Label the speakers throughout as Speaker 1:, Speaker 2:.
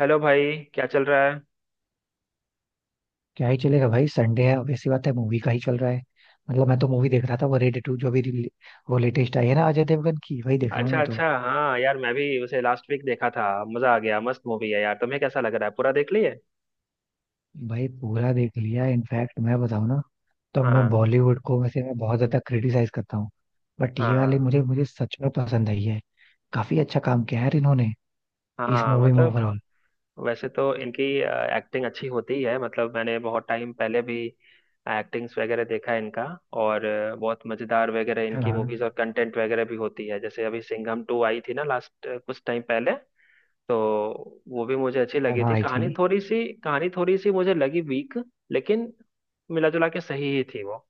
Speaker 1: Hello भाई, क्या चल रहा है?
Speaker 2: क्या ही चलेगा भाई, संडे है। Obvious सी बात है, मूवी का ही चल रहा है। मतलब, मैं तो मूवी देख रहा था। वो रेड टू जो भी वो लेटेस्ट आई है ना, अजय देवगन की, वही देख रहा हूँ
Speaker 1: अच्छा
Speaker 2: मैं तो।
Speaker 1: अच्छा, हाँ यार, मैं भी उसे लास्ट वीक देखा था। मजा आ गया। मस्त मूवी है यार। तुम्हें कैसा लग रहा है, पूरा देख लिए?
Speaker 2: भाई पूरा देख लिया। इनफैक्ट मैं बताऊँ ना, तो मैं
Speaker 1: हाँ
Speaker 2: बॉलीवुड को वैसे मैं बहुत ज्यादा क्रिटिसाइज करता हूँ, बट ये वाली
Speaker 1: हाँ
Speaker 2: मुझे मुझे सच में पसंद आई है। काफी अच्छा काम किया है यार इन्होंने इस
Speaker 1: हाँ,
Speaker 2: मूवी में
Speaker 1: मतलब।
Speaker 2: ओवरऑल।
Speaker 1: वैसे तो इनकी एक्टिंग अच्छी होती है। मतलब मैंने बहुत टाइम पहले भी एक्टिंग्स वगैरह देखा है इनका। और बहुत मजेदार वगैरह
Speaker 2: है ना।
Speaker 1: इनकी मूवीज और कंटेंट वगैरह भी होती है। जैसे अभी सिंघम टू आई थी ना लास्ट कुछ टाइम पहले। तो वो भी मुझे अच्छी
Speaker 2: है
Speaker 1: लगी
Speaker 2: ना
Speaker 1: थी।
Speaker 2: आई थी।
Speaker 1: कहानी थोड़ी सी मुझे लगी वीक। लेकिन मिला जुला के सही ही थी वो।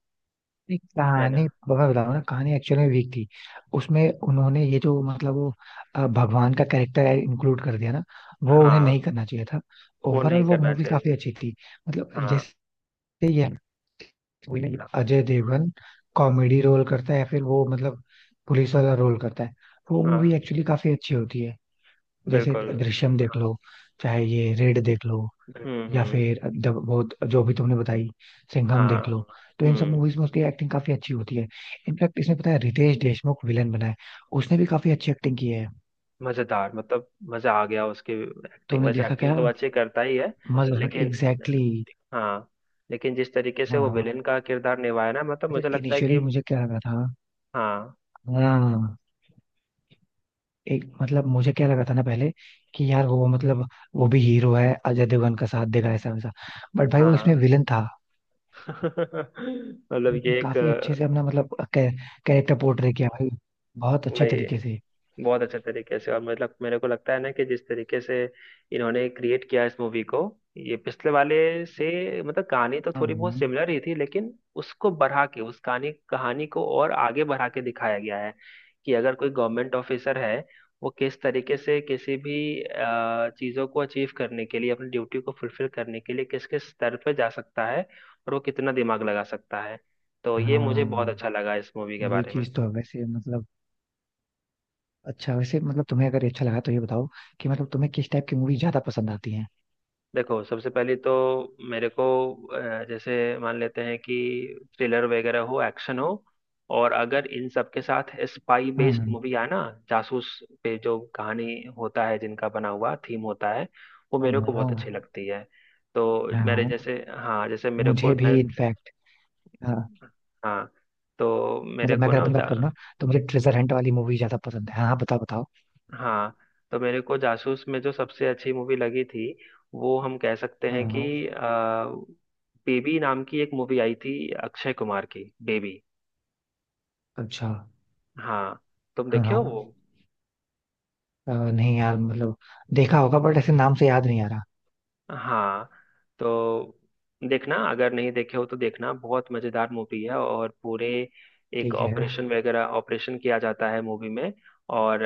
Speaker 2: नहीं,
Speaker 1: है ना।
Speaker 2: कहानी मैं बता रहा हूँ ना, कहानी एक्चुअल में वीक थी उसमें। उन्होंने ये जो मतलब वो भगवान का कैरेक्टर इंक्लूड कर दिया ना, वो उन्हें
Speaker 1: हाँ।
Speaker 2: नहीं करना चाहिए था।
Speaker 1: वो
Speaker 2: ओवरऑल
Speaker 1: नहीं
Speaker 2: वो
Speaker 1: करना
Speaker 2: मूवी
Speaker 1: चाहिए
Speaker 2: काफी
Speaker 1: था।
Speaker 2: अच्छी थी। मतलब
Speaker 1: हाँ
Speaker 2: जैसे ये अजय देवगन कॉमेडी रोल करता है, या फिर वो मतलब पुलिस वाला रोल करता है, वो मूवी
Speaker 1: हाँ,
Speaker 2: एक्चुअली काफी अच्छी होती है। जैसे
Speaker 1: बिल्कुल।
Speaker 2: दृश्यम देख लो, चाहे ये रेड देख लो, या
Speaker 1: हम्म।
Speaker 2: फिर जब बहुत जो भी तुमने बताई, सिंघम
Speaker 1: हाँ।
Speaker 2: देख लो, तो इन सब
Speaker 1: हम्म।
Speaker 2: मूवीज में उसकी एक्टिंग काफी अच्छी होती है। इनफैक्ट इसमें पता है रितेश देशमुख विलन बना है, उसने भी काफी अच्छी एक्टिंग की है।
Speaker 1: मजेदार, मतलब मजा आ गया उसकी एक्टिंग।
Speaker 2: तुमने
Speaker 1: वैसे
Speaker 2: देखा क्या?
Speaker 1: एक्टिंग तो अच्छी करता ही है।
Speaker 2: मजा, हाँ
Speaker 1: लेकिन।
Speaker 2: एग्जैक्टली।
Speaker 1: हाँ। लेकिन जिस तरीके से वो
Speaker 2: हाँ,
Speaker 1: विलेन का किरदार निभाया ना, मतलब
Speaker 2: पता है
Speaker 1: मुझे लगता है कि।
Speaker 2: इनिशियली मुझे क्या लगा था।
Speaker 1: हाँ।
Speaker 2: हाँ, एक मतलब मुझे क्या लगा था ना पहले, कि यार वो मतलब वो भी हीरो है, अजय देवगन का साथ देगा ऐसा वैसा, बट भाई वो इसमें
Speaker 1: हाँ।
Speaker 2: विलन था।
Speaker 1: मतलब
Speaker 2: उनने
Speaker 1: ये एक
Speaker 2: काफी अच्छे से अपना मतलब कैरेक्टर पोर्ट्रे किया भाई, बहुत अच्छे
Speaker 1: वही,
Speaker 2: तरीके से।
Speaker 1: बहुत अच्छे तरीके से। और मतलब मेरे को लगता है ना कि जिस तरीके से इन्होंने क्रिएट किया इस मूवी को, ये पिछले वाले से, मतलब कहानी तो
Speaker 2: हाँ
Speaker 1: थोड़ी बहुत सिमिलर ही थी, लेकिन उसको बढ़ा के, उस कहानी कहानी को और आगे बढ़ा के दिखाया गया है कि अगर कोई गवर्नमेंट ऑफिसर है, वो किस तरीके से किसी भी चीज़ों को अचीव करने के लिए, अपनी ड्यूटी को फुलफिल करने के लिए किस किस स्तर पर जा सकता है, और वो कितना दिमाग लगा सकता है। तो ये मुझे बहुत
Speaker 2: हाँ,
Speaker 1: अच्छा लगा इस मूवी के
Speaker 2: ये
Speaker 1: बारे में।
Speaker 2: चीज तो है वैसे। मतलब अच्छा, वैसे मतलब तुम्हें अगर ये अच्छा लगा तो ये बताओ कि मतलब तुम्हें किस टाइप की मूवी ज्यादा पसंद आती है।
Speaker 1: देखो, सबसे पहले तो मेरे को जैसे मान लेते हैं कि थ्रिलर वगैरह हो, एक्शन हो, और अगर इन सब के साथ स्पाई
Speaker 2: हाँ
Speaker 1: बेस्ड मूवी आए ना, जासूस पे जो कहानी होता है, जिनका बना हुआ थीम होता है, वो
Speaker 2: हाँ।
Speaker 1: मेरे को बहुत अच्छी
Speaker 2: हाँ
Speaker 1: लगती है। तो
Speaker 2: हाँ।
Speaker 1: मेरे
Speaker 2: हाँ,
Speaker 1: जैसे, हाँ, जैसे मेरे
Speaker 2: मुझे
Speaker 1: को मैं।
Speaker 2: भी इनफैक्ट। हाँ,
Speaker 1: हाँ, तो मेरे
Speaker 2: मतलब मैं
Speaker 1: को
Speaker 2: अगर
Speaker 1: ना।
Speaker 2: अपनी बात करूँ ना, तो मुझे ट्रेजर हंट वाली मूवी ज्यादा पसंद है। हाँ हाँ, बताओ बताओ।
Speaker 1: हाँ, तो मेरे को जासूस में जो सबसे अच्छी मूवी लगी थी, वो हम कह सकते हैं कि
Speaker 2: हाँ।
Speaker 1: आ, बेबी नाम की एक मूवी आई थी, अक्षय कुमार की बेबी।
Speaker 2: अच्छा।
Speaker 1: हाँ, तुम
Speaker 2: हाँ
Speaker 1: देखे हो
Speaker 2: हाँ।
Speaker 1: वो?
Speaker 2: नहीं यार, मतलब देखा होगा बट ऐसे नाम से याद नहीं आ रहा।
Speaker 1: हाँ। तो देखना, अगर नहीं देखे हो तो देखना, बहुत मजेदार मूवी है। और पूरे एक
Speaker 2: ठीक है।
Speaker 1: ऑपरेशन वगैरह, ऑपरेशन किया जाता है मूवी में, और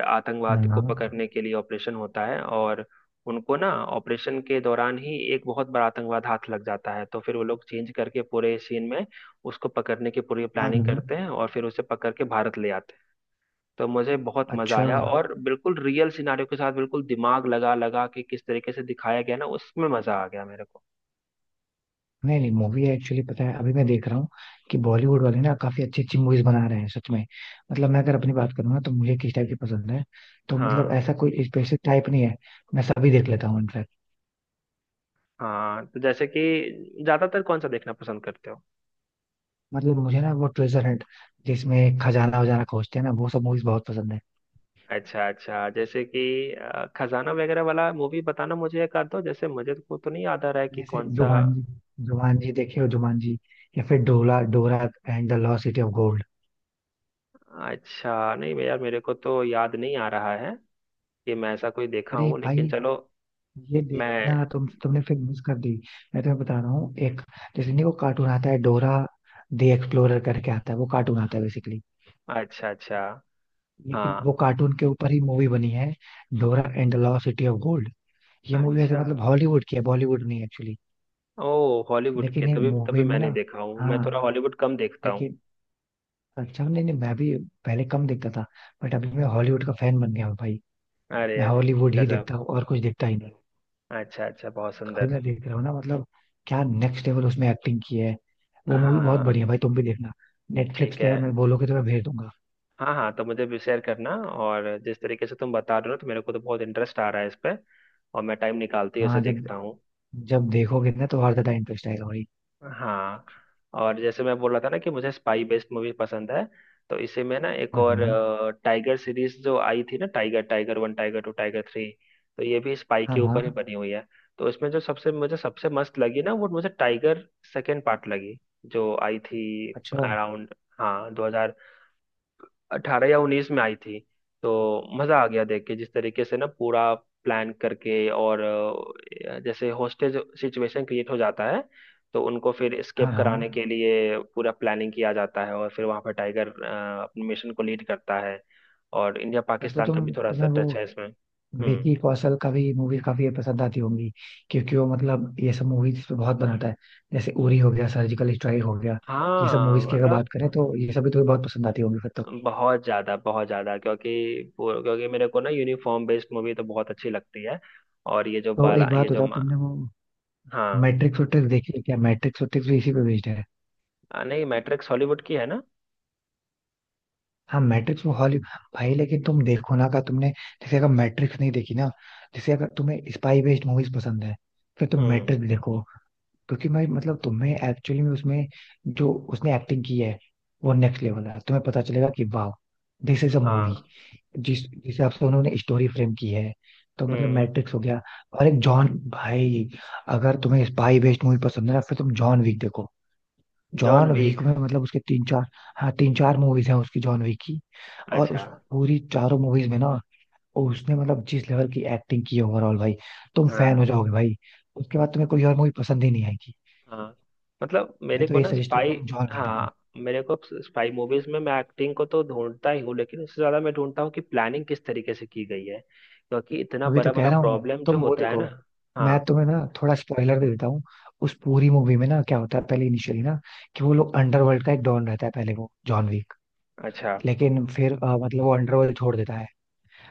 Speaker 2: हाँ
Speaker 1: आतंकवाद को
Speaker 2: हाँ।
Speaker 1: पकड़ने के लिए ऑपरेशन होता है। और उनको ना ऑपरेशन के दौरान ही एक बहुत बड़ा आतंकवाद हाथ लग जाता है, तो फिर वो लोग चेंज करके पूरे सीन में उसको पकड़ने की पूरी
Speaker 2: हाँ।
Speaker 1: प्लानिंग करते हैं, और फिर उसे पकड़ के भारत ले आते हैं। तो मुझे बहुत मजा
Speaker 2: अच्छा
Speaker 1: आया। और बिल्कुल रियल सिनारियो के साथ बिल्कुल दिमाग लगा लगा के किस तरीके से दिखाया गया ना, उसमें मजा आ गया मेरे को।
Speaker 2: नहीं नहीं, मूवी एक्चुअली पता है अभी मैं देख रहा हूँ कि बॉलीवुड वाले ना काफी अच्छी अच्छी मूवीज बना रहे हैं सच में। मतलब मैं अगर अपनी बात करूँ ना तो मुझे किस टाइप की पसंद है, तो मतलब
Speaker 1: हाँ
Speaker 2: ऐसा कोई स्पेसिफिक टाइप नहीं है, मैं सभी देख लेता हूँ इनफैक्ट।
Speaker 1: हाँ, तो जैसे कि ज्यादातर कौन सा देखना पसंद करते हो?
Speaker 2: मतलब मुझे ना वो ट्रेजर हंट जिसमें खजाना वजाना खोजते हैं ना, वो सब मूवीज बहुत पसंद है।
Speaker 1: अच्छा अच्छा, जैसे कि खजाना वगैरह वाला मूवी बताना मुझे एक आध दो, जैसे मुझे को तो नहीं याद आ रहा है कि
Speaker 2: जैसे
Speaker 1: कौन सा।
Speaker 2: जुमानजी, जुमानजी देखे हो? जुमानजी या फिर डोला, Dora and the lost city of gold.
Speaker 1: अच्छा, नहीं भैया, मेरे को तो याद नहीं आ रहा है कि मैं ऐसा कोई देखा
Speaker 2: अरे
Speaker 1: हूँ, लेकिन
Speaker 2: भाई
Speaker 1: चलो।
Speaker 2: ये
Speaker 1: मैं।
Speaker 2: देखना, तुमने फिर मिस कर दी। मैं तुम्हें बता रहा हूँ एक, जैसे नहीं वो कार्टून आता है, डोरा दी एक्सप्लोरर करके आता है वो कार्टून, आता है बेसिकली।
Speaker 1: अच्छा अच्छा।
Speaker 2: लेकिन वो
Speaker 1: हाँ,
Speaker 2: कार्टून के ऊपर ही मूवी बनी है, Dora and the lost city of gold. ये मूवी ऐसे
Speaker 1: अच्छा।
Speaker 2: मतलब हॉलीवुड की है, बॉलीवुड नहीं एक्चुअली।
Speaker 1: ओ हॉलीवुड
Speaker 2: लेकिन
Speaker 1: के।
Speaker 2: ये
Speaker 1: तभी तभी
Speaker 2: मूवी में
Speaker 1: मैंने
Speaker 2: ना,
Speaker 1: देखा हूँ, मैं
Speaker 2: हाँ
Speaker 1: थोड़ा हॉलीवुड कम देखता हूँ।
Speaker 2: लेकिन अच्छा, नहीं नहीं मैं भी पहले कम देखता था, बट अभी मैं हॉलीवुड का फैन बन गया हूँ भाई।
Speaker 1: अरे
Speaker 2: मैं
Speaker 1: अरे।
Speaker 2: हॉलीवुड ही
Speaker 1: गजब।
Speaker 2: देखता हूँ, और कुछ देखता ही नहीं।
Speaker 1: अच्छा अच्छा, बहुत
Speaker 2: अभी
Speaker 1: सुंदर।
Speaker 2: मैं देख रहा हूँ ना, मतलब क्या नेक्स्ट लेवल उसमें एक्टिंग की है, वो मूवी बहुत
Speaker 1: हाँ।
Speaker 2: बढ़िया है भाई, तुम भी देखना। नेटफ्लिक्स
Speaker 1: ठीक
Speaker 2: पे
Speaker 1: है।
Speaker 2: है, मैं बोलोगे तो मैं भेज दूंगा।
Speaker 1: हाँ हाँ, तो मुझे भी शेयर करना। और जिस तरीके से तुम बता रहे हो, तो मेरे को तो बहुत इंटरेस्ट आ रहा है इस पे, और मैं टाइम निकालती ही उसे
Speaker 2: हाँ, जब
Speaker 1: देखता हूँ।
Speaker 2: जब देखोगे ना, तो और ज्यादा इंटरेस्ट आएगा भाई।
Speaker 1: हाँ, और जैसे मैं बोल रहा था ना कि मुझे स्पाई बेस्ड मूवी पसंद है, तो इसी में ना एक
Speaker 2: हाँ
Speaker 1: और,
Speaker 2: हाँ।
Speaker 1: टाइगर सीरीज जो आई थी ना, Tiger Tiger one, Tiger two, Tiger three, तो ये भी स्पाई
Speaker 2: हाँ
Speaker 1: के ऊपर ही
Speaker 2: हाँ।
Speaker 1: बनी हुई है। तो इसमें जो सबसे मुझे सबसे मस्त लगी ना, वो मुझे टाइगर सेकेंड पार्ट लगी, जो आई थी
Speaker 2: अच्छा।
Speaker 1: अराउंड, हाँ, 2018 या 2019 में आई थी। तो मजा आ गया देख के, जिस तरीके से ना पूरा प्लान करके, और जैसे होस्टेज सिचुएशन क्रिएट हो जाता है, तो उनको फिर
Speaker 2: हाँ
Speaker 1: एस्केप
Speaker 2: हाँ।
Speaker 1: कराने के लिए पूरा प्लानिंग किया जाता है, और फिर वहां पर टाइगर अपने मिशन को लीड करता है। और इंडिया
Speaker 2: फिर तो
Speaker 1: पाकिस्तान का भी
Speaker 2: तुम,
Speaker 1: थोड़ा सा
Speaker 2: तुम्हें वो
Speaker 1: टच है इसमें। हम्म।
Speaker 2: विकी कौशल का भी मूवी काफी पसंद आती होंगी, क्योंकि वो मतलब ये सब मूवीज पे बहुत बनाता है, जैसे उरी हो गया, सर्जिकल स्ट्राइक हो गया, ये सब
Speaker 1: हाँ,
Speaker 2: मूवीज की अगर बात
Speaker 1: मतलब
Speaker 2: करें, तो ये सभी तुम्हें बहुत पसंद आती होंगी फिर तो।
Speaker 1: बहुत ज्यादा, बहुत ज्यादा, क्योंकि क्योंकि मेरे को ना यूनिफॉर्म बेस्ड मूवी तो बहुत अच्छी लगती है। और ये जो
Speaker 2: तो
Speaker 1: बाला,
Speaker 2: एक
Speaker 1: ये
Speaker 2: बात
Speaker 1: जो
Speaker 2: बताओ, तुमने वो
Speaker 1: हाँ।
Speaker 2: मैट्रिक्स वैट्रिक्स देखी है क्या? मैट्रिक्स वैट्रिक्स भी इसी पे बेस्ड है।
Speaker 1: नहीं, मैट्रिक्स हॉलीवुड की है ना।
Speaker 2: हाँ मैट्रिक्स वो हॉली, भाई लेकिन तुम देखो ना का तुमने, जैसे अगर मैट्रिक्स नहीं देखी ना, जैसे अगर तुम्हें स्पाई बेस्ड मूवीज पसंद है, फिर तुम
Speaker 1: हम्म।
Speaker 2: मैट्रिक्स देखो। क्योंकि मैं मतलब तुम्हें एक्चुअली में उसमें, जो उसने एक्टिंग की है वो नेक्स्ट लेवल है। तुम्हें पता चलेगा कि वाह, दिस इज अ मूवी।
Speaker 1: हाँ।
Speaker 2: जिस जिस हिसाब से उन्होंने स्टोरी फ्रेम की है। तो मतलब
Speaker 1: हम्म।
Speaker 2: मैट्रिक्स हो गया, और एक जॉन, भाई अगर तुम्हें स्पाई बेस्ड मूवी पसंद है ना फिर तुम जॉन विक देखो।
Speaker 1: John
Speaker 2: John Wick
Speaker 1: Wick.
Speaker 2: में मतलब उसके तीन चार, हाँ तीन चार मूवीज हैं उसकी, जॉन विक की। और
Speaker 1: अच्छा।
Speaker 2: उस पूरी चारों मूवीज में ना उसने मतलब जिस लेवल की एक्टिंग की है ओवरऑल भाई, तुम फैन हो
Speaker 1: हाँ
Speaker 2: जाओगे भाई। उसके बाद तुम्हें कोई और मूवी पसंद ही नहीं आएगी।
Speaker 1: हाँ, मतलब
Speaker 2: मैं
Speaker 1: मेरे
Speaker 2: तो
Speaker 1: को
Speaker 2: ये
Speaker 1: ना
Speaker 2: सजेस्ट करूंगा,
Speaker 1: स्पाई।
Speaker 2: तुम जॉन विक देखो।
Speaker 1: हाँ, मेरे को स्पाई मूवीज में मैं एक्टिंग को तो ढूंढता ही हूँ, लेकिन उससे ज्यादा मैं ढूंढता हूँ कि प्लानिंग किस तरीके से की गई है, क्योंकि इतना
Speaker 2: अभी तो
Speaker 1: बड़ा
Speaker 2: कह
Speaker 1: बड़ा
Speaker 2: रहा हूँ,
Speaker 1: प्रॉब्लम जो
Speaker 2: तुम वो
Speaker 1: होता है
Speaker 2: देखो।
Speaker 1: ना।
Speaker 2: मैं
Speaker 1: हाँ।
Speaker 2: तुम्हें ना थोड़ा स्पॉइलर दे देता हूँ। उस पूरी मूवी में ना क्या होता है, पहले इनिशियली ना, कि वो लोग, अंडरवर्ल्ड का एक डॉन रहता है पहले वो जॉन विक।
Speaker 1: अच्छा।
Speaker 2: लेकिन फिर मतलब वो अंडरवर्ल्ड छोड़ देता है।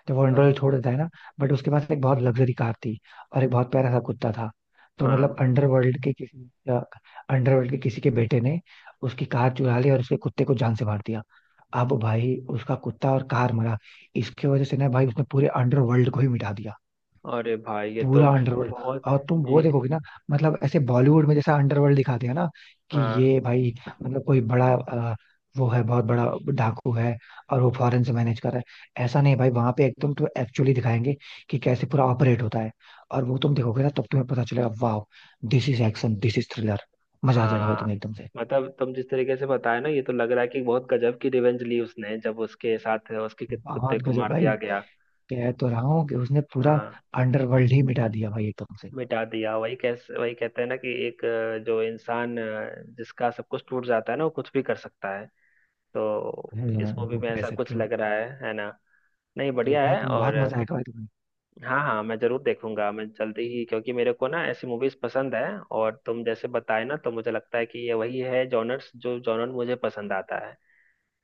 Speaker 2: जब वो अंडरवर्ल्ड
Speaker 1: हाँ
Speaker 2: छोड़ देता है ना, बट उसके पास एक बहुत लग्जरी कार थी, और एक बहुत प्यारा सा कुत्ता था। तो मतलब
Speaker 1: हाँ।
Speaker 2: अंडरवर्ल्ड के किसी, अंडरवर्ल्ड के किसी के बेटे ने उसकी कार चुरा ली और उसके कुत्ते को जान से मार दिया। अब भाई उसका कुत्ता और कार मरा, इसकी वजह से ना भाई उसने पूरे अंडरवर्ल्ड को ही मिटा दिया।
Speaker 1: अरे भाई, ये तो
Speaker 2: पूरा अंडरवर्ल्ड।
Speaker 1: बहुत।
Speaker 2: और तुम वो
Speaker 1: ये।
Speaker 2: देखोगे ना, मतलब ऐसे बॉलीवुड में जैसा अंडरवर्ल्ड दिखाते हैं ना, कि
Speaker 1: हाँ
Speaker 2: ये भाई मतलब कोई बड़ा वो है बहुत बड़ा डाकू है, और वो फॉरेन से मैनेज कर रहा है, ऐसा नहीं भाई। वहां पे एकदम तो एक्चुअली दिखाएंगे कि कैसे पूरा ऑपरेट होता है। और वो तुम देखोगे ना, तब तुम्हें पता चलेगा वाह, this is action, this is thriller. मजा आ जाएगा भाई तुम्हें
Speaker 1: हाँ,
Speaker 2: एकदम से।
Speaker 1: मतलब तुम जिस तरीके से बताया ना, ये तो लग रहा है कि बहुत गजब की रिवेंज ली उसने, जब उसके साथ उसके किस
Speaker 2: बहुत
Speaker 1: कुत्ते को
Speaker 2: गजब
Speaker 1: मार
Speaker 2: भाई,
Speaker 1: दिया गया।
Speaker 2: कह तो रहा हूँ कि उसने पूरा
Speaker 1: हाँ,
Speaker 2: अंडरवर्ल्ड ही मिटा दिया भाई एकदम से।
Speaker 1: मिटा दिया, वही, कैसे वही कहते हैं ना कि एक, जो इंसान, जिसका सब कुछ टूट जाता है ना, वो कुछ भी कर सकता है। तो इस
Speaker 2: हाँ,
Speaker 1: मूवी
Speaker 2: वो
Speaker 1: में
Speaker 2: कह
Speaker 1: ऐसा
Speaker 2: सकते
Speaker 1: कुछ
Speaker 2: हो।
Speaker 1: लग रहा है ना। नहीं, बढ़िया
Speaker 2: देखना
Speaker 1: है।
Speaker 2: तुम,
Speaker 1: और
Speaker 2: बहुत मजा आएगा भाई तुम्हें।
Speaker 1: हाँ हाँ, मैं जरूर देखूंगा, मैं जल्दी ही, क्योंकि मेरे को ना ऐसी मूवीज पसंद है। और तुम जैसे बताए ना, तो मुझे लगता है कि ये वही है जॉनर्स, जो जॉनर मुझे पसंद आता है।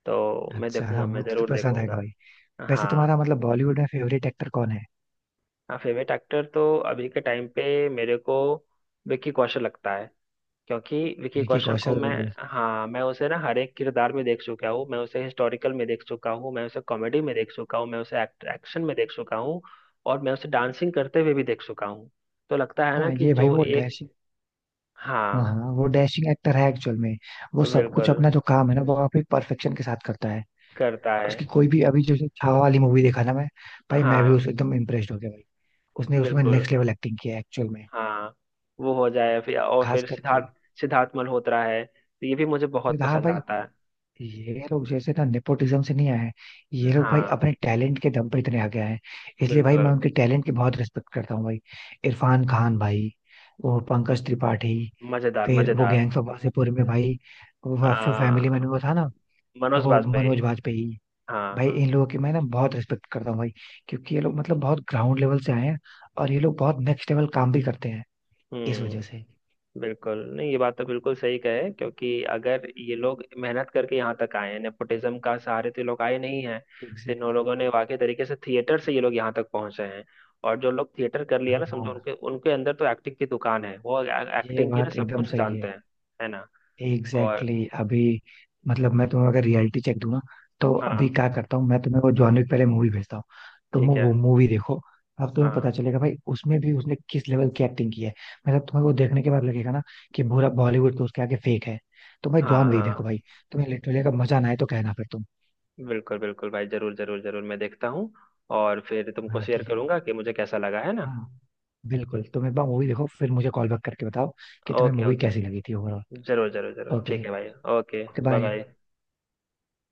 Speaker 1: तो मैं
Speaker 2: अच्छा हाँ,
Speaker 1: देखूंगा,
Speaker 2: वो
Speaker 1: मैं
Speaker 2: तो
Speaker 1: जरूर
Speaker 2: पसंद आएगा
Speaker 1: देखूंगा।
Speaker 2: भाई। वैसे
Speaker 1: हाँ।
Speaker 2: तुम्हारा मतलब बॉलीवुड में फेवरेट एक्टर कौन है?
Speaker 1: फेवरेट एक्टर तो अभी के टाइम पे मेरे को विकी कौशल लगता है, क्योंकि विकी
Speaker 2: विकी
Speaker 1: कौशल को
Speaker 2: कौशल?
Speaker 1: मैं। हाँ, मैं उसे ना हर एक किरदार में देख चुका हूँ, मैं उसे हिस्टोरिकल में देख चुका हूँ, मैं उसे कॉमेडी में देख चुका हूँ, मैं उसे एक्शन में देख चुका हूँ, और मैं उसे डांसिंग करते हुए भी देख चुका हूँ। तो लगता है ना
Speaker 2: हाँ
Speaker 1: कि
Speaker 2: ये भाई
Speaker 1: जो
Speaker 2: वो
Speaker 1: एक।
Speaker 2: डैश, हाँ
Speaker 1: हाँ।
Speaker 2: हाँ वो डैशिंग एक्टर है एक्चुअल में। वो सब कुछ
Speaker 1: बिल्कुल
Speaker 2: अपना जो काम है ना वो काफी परफेक्शन के साथ करता है।
Speaker 1: करता है।
Speaker 2: उसकी कोई भी, अभी जो जो छावा वाली मूवी देखा ना मैं, भाई मैं भी
Speaker 1: हाँ,
Speaker 2: उस एकदम इम्प्रेस्ड हो गया भाई। उसने उसमें
Speaker 1: बिल्कुल।
Speaker 2: नेक्स्ट लेवल एक्टिंग किया है एक्चुअल में।
Speaker 1: हाँ, वो हो जाए फिर, और
Speaker 2: खास
Speaker 1: फिर
Speaker 2: करके।
Speaker 1: सिद्धार्थ सिद्धार्थ मल्होत्रा है, तो ये भी मुझे बहुत
Speaker 2: तो हाँ
Speaker 1: पसंद
Speaker 2: भाई,
Speaker 1: आता
Speaker 2: ये लोग जैसे ना नेपोटिज्म से नहीं आए हैं। ये
Speaker 1: है।
Speaker 2: लोग
Speaker 1: हाँ,
Speaker 2: भाई अपने टैलेंट के दम पे इतने आगे आए हैं, इसलिए भाई
Speaker 1: बिल्कुल।
Speaker 2: मैं उनके टैलेंट की बहुत रिस्पेक्ट करता हूँ भाई। इरफान खान भाई, वो पंकज त्रिपाठी,
Speaker 1: मजेदार,
Speaker 2: फिर वो
Speaker 1: मजेदार।
Speaker 2: गैंग्स ऑफ वासेपुर में भाई, वो फैमिली
Speaker 1: आ,
Speaker 2: मैन में वो था ना,
Speaker 1: मनोज
Speaker 2: वो
Speaker 1: बाजपेयी।
Speaker 2: मनोज वाजपेयी।
Speaker 1: हाँ
Speaker 2: भाई
Speaker 1: हाँ।
Speaker 2: इन लोगों की मैं ना बहुत रिस्पेक्ट करता हूँ भाई, क्योंकि ये लोग मतलब बहुत ग्राउंड लेवल से आए हैं, और ये लोग बहुत नेक्स्ट लेवल काम भी करते हैं इस वजह
Speaker 1: हम्म।
Speaker 2: से।
Speaker 1: बिल्कुल, नहीं, ये बात तो बिल्कुल सही कहे, क्योंकि अगर ये लोग मेहनत करके यहाँ तक आए हैं, नेपोटिज्म का सहारे तो ये लोग आए नहीं हैं। तो इन
Speaker 2: एग्जैक्टली
Speaker 1: लोगों ने
Speaker 2: exactly।
Speaker 1: वाकई तरीके से थिएटर से ये लोग यहाँ तक पहुंचे हैं। और जो लोग थिएटर कर लिया ना, समझो
Speaker 2: हाँ
Speaker 1: उनके उनके अंदर तो एक्टिंग की दुकान है, वो
Speaker 2: ये
Speaker 1: एक्टिंग की ना
Speaker 2: बात
Speaker 1: सब
Speaker 2: एकदम
Speaker 1: कुछ
Speaker 2: सही
Speaker 1: जानते
Speaker 2: है।
Speaker 1: हैं। है ना। और
Speaker 2: एग्जैक्टली exactly, अभी मतलब मैं तुम्हें अगर रियलिटी चेक दूं ना, तो अभी
Speaker 1: हाँ,
Speaker 2: क्या करता हूँ, मैं तुम्हें वो जॉन विक पहले मूवी भेजता हूँ, तुम
Speaker 1: ठीक है।
Speaker 2: वो मूवी देखो। अब तुम्हें
Speaker 1: हाँ
Speaker 2: पता चलेगा भाई उसमें भी उसने किस लेवल की एक्टिंग की है। मतलब तुम्हें वो देखने के बाद लगेगा ना, कि पूरा बॉलीवुड तो उसके आगे फेक है। तो भाई
Speaker 1: हाँ
Speaker 2: जॉन विक देखो
Speaker 1: हाँ,
Speaker 2: भाई। तुम्हें लिटरली अगर मजा ना आए तो कहना फिर तुम।
Speaker 1: बिल्कुल बिल्कुल भाई, जरूर जरूर जरूर मैं देखता हूँ। और फिर तुमको
Speaker 2: हाँ
Speaker 1: शेयर
Speaker 2: ठीक है।
Speaker 1: करूंगा कि मुझे कैसा लगा, है ना।
Speaker 2: हाँ बिल्कुल, तुम एक बार मूवी देखो, फिर मुझे कॉल बैक करके बताओ कि तुम्हें
Speaker 1: ओके
Speaker 2: मूवी
Speaker 1: ओके,
Speaker 2: कैसी लगी थी ओवरऑल।
Speaker 1: जरूर जरूर जरूर,
Speaker 2: ओके।
Speaker 1: ठीक है भाई। Okay,
Speaker 2: okay
Speaker 1: bye bye.
Speaker 2: Bye.